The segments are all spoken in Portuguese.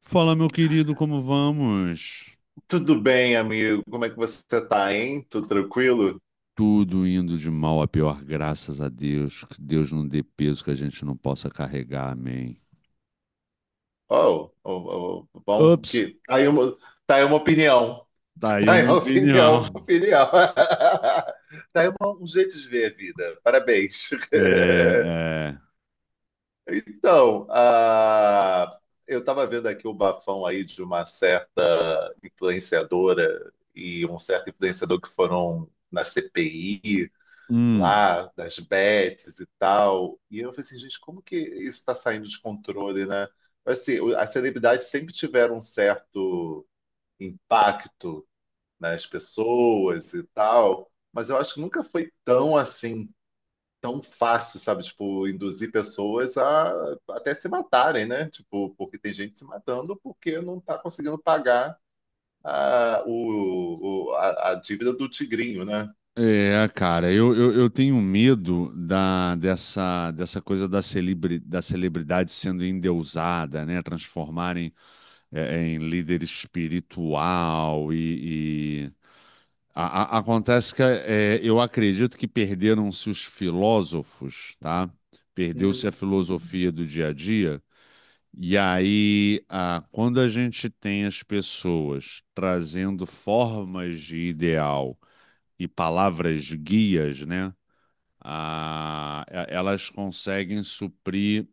Fala, meu querido, como vamos? Tudo bem, amigo? Como é que você tá, hein? Tudo tranquilo? Tudo indo de mal a pior, graças a Deus. Que Deus não dê peso que a gente não possa carregar, amém. Oh, oh, oh, bom Ups, que tá aí tá aí uma opinião. tá aí Tá aí uma uma opinião. opinião, uma opinião. Tá aí um jeito de ver a vida. Parabéns. É, é. Então, eu estava vendo aqui o bafão aí de uma certa influenciadora e um certo influenciador que foram na CPI Hum, lá das bets e tal. E eu falei assim, gente, como que isso está saindo de controle, né? Mas, assim, as celebridades sempre tiveram um certo impacto nas pessoas e tal, mas eu acho que nunca foi tão assim, tão fácil, sabe? Tipo, induzir pessoas a até se matarem, né? Tipo, porque tem gente se matando porque não está conseguindo pagar a, o- a dívida do tigrinho, né? cara, eu tenho medo dessa coisa da celebridade sendo endeusada, né? Transformarem em líder espiritual. E- A- a- acontece que eu acredito que perderam-se os filósofos, tá? Perdeu-se a Hum, filosofia do dia a dia. E aí, quando a gente tem as pessoas trazendo formas de ideal e palavras guias, né? Elas conseguem suprir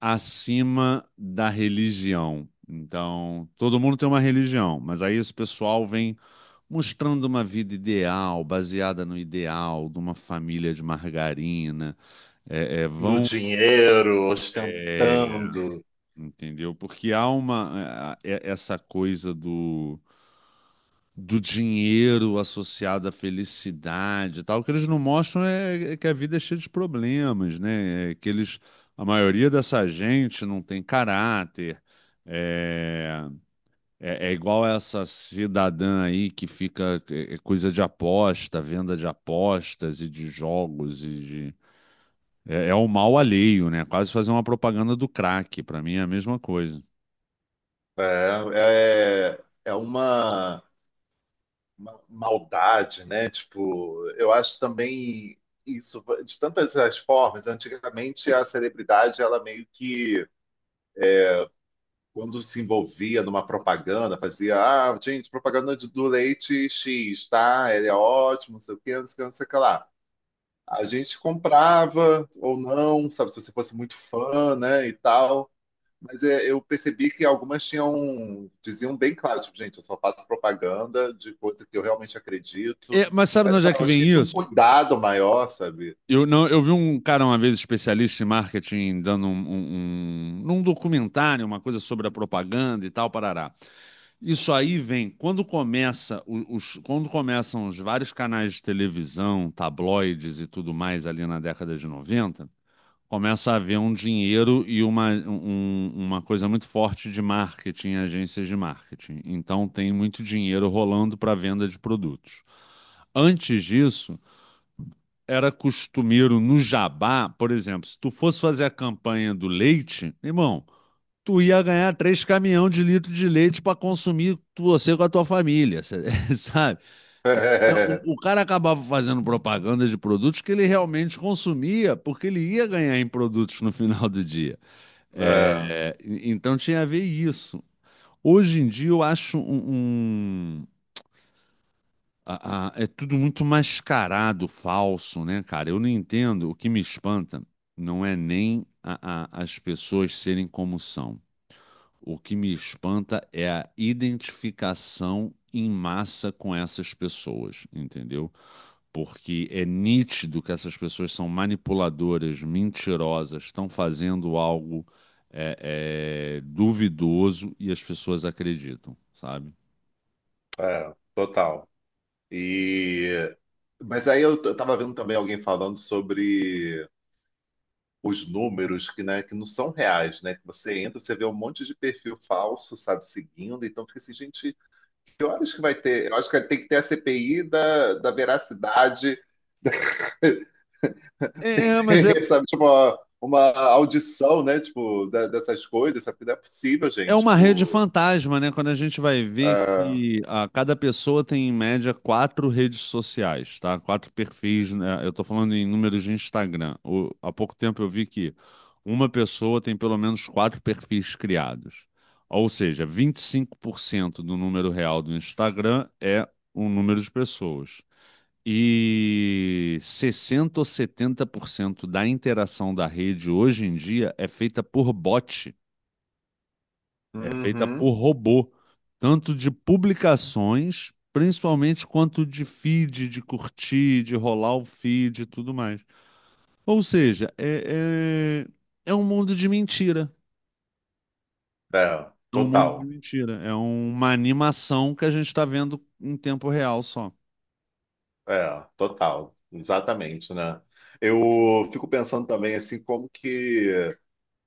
acima da religião. Então, todo mundo tem uma religião, mas aí esse pessoal vem mostrando uma vida ideal, baseada no ideal de uma família de margarina. É, é, no vão. dinheiro, é, ostentando. entendeu? Porque há uma. Essa coisa do. Do dinheiro associado à felicidade e tal, o que eles não mostram é que a vida é cheia de problemas, né? É que eles, a maioria dessa gente não tem caráter. É, É, é igual essa cidadã aí que fica é coisa de aposta, venda de apostas e de jogos e de. É o mal alheio, né? Quase fazer uma propaganda do crack. Pra mim é a mesma coisa. É, é, é uma maldade, né? Tipo, eu acho também isso, de tantas as formas, antigamente a celebridade, ela meio que, quando se envolvia numa propaganda, fazia, ah, gente, propaganda do leite X, tá? Ele é ótimo, não sei o quê, não sei o que, não sei o que lá. A gente comprava ou não, sabe, se você fosse muito fã, né, e tal. Mas é, eu percebi que algumas tinham, diziam bem claro, tipo, gente, eu só faço propaganda de coisa que eu realmente acredito. É, mas sabe É, de onde é sabe, que eu acho vem que tinha um isso? cuidado maior, sabe? Eu, não, Eu vi um cara uma vez, especialista em marketing, dando num documentário, uma coisa sobre a propaganda e tal, parará. Isso aí vem quando começam os vários canais de televisão, tabloides e tudo mais ali na década de 90. Começa a haver um dinheiro e uma coisa muito forte de marketing, agências de marketing. Então tem muito dinheiro rolando para venda de produtos. Antes disso, era costumeiro no jabá. Por exemplo, se tu fosse fazer a campanha do leite, irmão, tu ia ganhar três caminhão de litro de leite para consumir você com a tua família, sabe? Então, o cara acabava fazendo propaganda de produtos que ele realmente consumia, porque ele ia ganhar em produtos no final do dia. É, É, então tinha a ver isso. Hoje em dia eu acho é tudo muito mascarado, falso, né, cara? Eu não entendo. O que me espanta não é nem as pessoas serem como são. O que me espanta é a identificação em massa com essas pessoas, entendeu? Porque é nítido que essas pessoas são manipuladoras, mentirosas, estão fazendo algo duvidoso, e as pessoas acreditam, sabe? é, total. E, mas aí eu tava vendo também alguém falando sobre os números que, né, que não são reais, né? Que você entra, você vê um monte de perfil falso, sabe, seguindo. Então fica assim, gente, que horas que vai ter? Eu acho que tem que ter a CPI da veracidade. É, é, mas é, Sabe, tipo, uma audição, né? Tipo, dessas coisas, sabe? Não é possível, É gente. uma rede Tipo, fantasma, né? Quando a gente vai ver ah, que cada pessoa tem, em média, quatro redes sociais, tá? Quatro perfis, né? Eu tô falando em números de Instagram. Há pouco tempo eu vi que uma pessoa tem pelo menos quatro perfis criados. Ou seja, 25% do número real do Instagram é o número de pessoas. E 60 ou 70% da interação da rede hoje em dia é feita por bot, é feita por uhum. robô, tanto de publicações, principalmente, quanto de feed, de curtir, de rolar o feed e tudo mais. Ou seja, é um mundo de mentira. É, É um mundo de total. mentira. É uma animação que a gente está vendo em tempo real só. É, total. Exatamente, né? Eu fico pensando também, assim, como que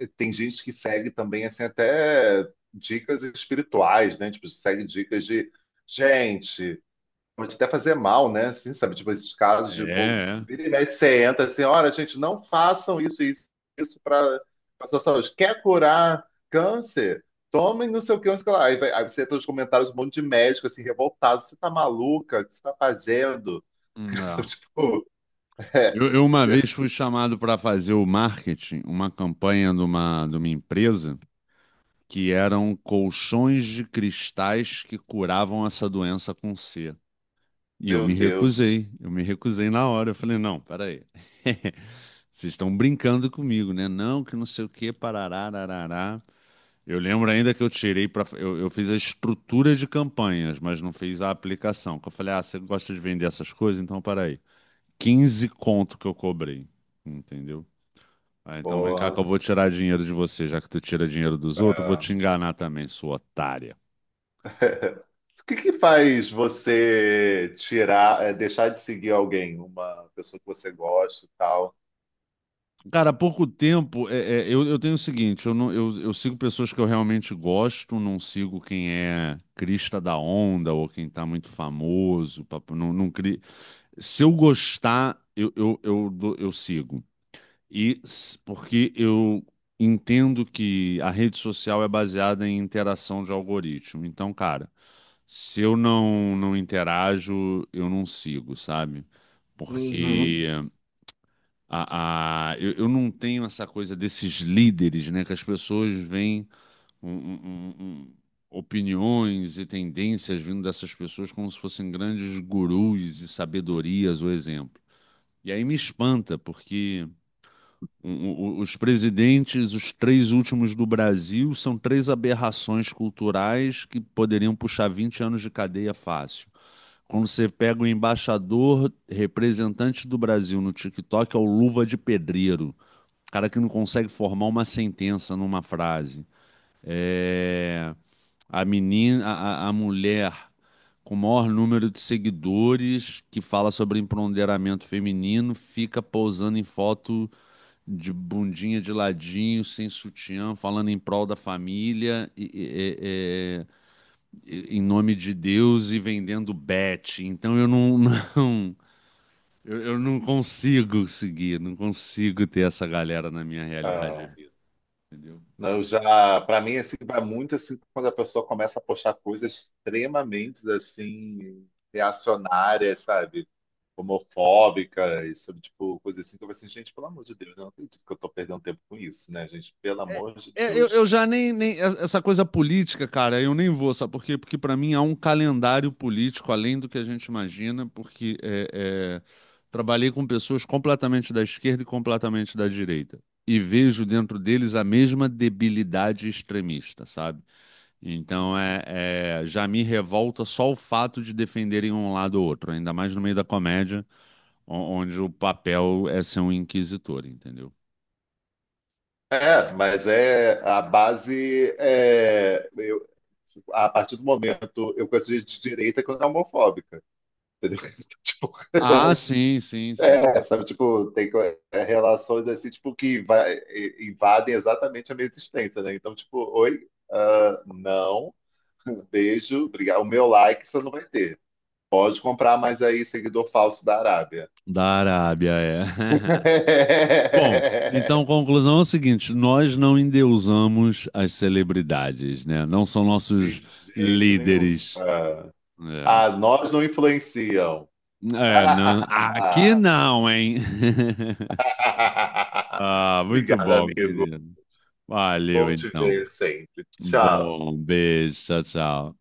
tem gente que segue também, assim, até dicas espirituais, né? Tipo, segue dicas de, gente, pode até fazer mal, né? Assim, sabe? Tipo, esses casos É, de, pô, é. vira e mexe, você entra assim, olha, gente, não façam isso, isso, isso para a sua saúde. Quer curar câncer? Tomem não sei o que, não sei o que lá. Aí, vai- aí você entra nos comentários um monte de médico, assim, revoltado. Você tá maluca? O que você tá fazendo? É. Tipo, é, Eu uma vez fui chamado para fazer o marketing, uma campanha de uma empresa que eram colchões de cristais que curavam essa doença com C. E meu Deus, eu me recusei na hora. Eu falei, não, peraí. Vocês estão brincando comigo, né? Não, que não sei o que, parará, arará. Eu lembro ainda que eu tirei para eu fiz a estrutura de campanhas, mas não fiz a aplicação. Que eu falei, ah, você gosta de vender essas coisas? Então, peraí. 15 conto que eu cobrei, entendeu? Ah, então vem cá que eu porra. vou tirar dinheiro de você, já que tu tira dinheiro dos outros, eu vou te enganar também, sua otária. O que que faz você tirar, é, deixar de seguir alguém, uma pessoa que você gosta e tal? Cara, há pouco tempo, eu tenho o seguinte: eu, não, eu sigo pessoas que eu realmente gosto, não sigo quem é crista da onda ou quem tá muito famoso, não, não cri... Se eu gostar, eu sigo. Porque eu entendo que a rede social é baseada em interação de algoritmo. Então, cara, se eu não interajo, eu não sigo, sabe? Uhum. Porque eu não tenho essa coisa desses líderes, né? Que as pessoas veem um- um- um- um- opiniões e tendências vindo dessas pessoas como se fossem grandes gurus e sabedorias ou exemplo. E aí me espanta, porque os presidentes, os três últimos do Brasil, são três aberrações culturais que poderiam puxar 20 anos de cadeia fácil. Quando você pega o embaixador representante do Brasil no TikTok, é o Luva de Pedreiro, cara que não consegue formar uma sentença numa frase. É, a menina, a mulher com o maior número de seguidores, que fala sobre empoderamento feminino, fica pousando em foto de bundinha de ladinho, sem sutiã, falando em prol da família, em nome de Deus, e vendendo bet. Então eu não, eu não consigo seguir, não consigo ter essa galera na minha realidade de vida. Entendeu? Não, eu já, para mim, assim, vai muito assim quando a pessoa começa a postar coisas extremamente assim reacionárias, sabe? Homofóbicas, sabe? Tipo, coisa assim que eu falo assim, gente, pelo amor de Deus, eu não acredito que eu tô perdendo tempo com isso, né, gente? Pelo amor de É, eu, Deus. eu já nem, nem. Essa coisa política, cara, eu nem vou, sabe por quê? Porque para mim há um calendário político além do que a gente imagina, porque trabalhei com pessoas completamente da esquerda e completamente da direita. E vejo dentro deles a mesma debilidade extremista, sabe? Então já me revolta só o fato de defenderem um lado ou outro, ainda mais no meio da comédia, onde o papel é ser um inquisitor, entendeu? É, mas é a base é, eu, a partir do momento eu conheço gente de direita que não é homofóbica, entendeu? Tipo, Ah, sim, sim, sim. é, sabe, tipo, é, relações assim, tipo, que invadem exatamente a minha existência, né? Então, tipo, oi, ah, não, beijo, obrigado. O meu like você não vai ter. Pode comprar mais aí, seguidor falso da Arábia. Da Arábia, é. Bom, então conclusão é o seguinte: nós não endeusamos as celebridades, né? Não são De nossos jeito nenhum. líderes. Ah, É, ah, nós não influenciam. é, não, aqui não, hein? Ah, muito Obrigado, bom, amigo. querido. Valeu, Bom te então. ver sempre. Tchau. Bom, beijo, tchau, tchau.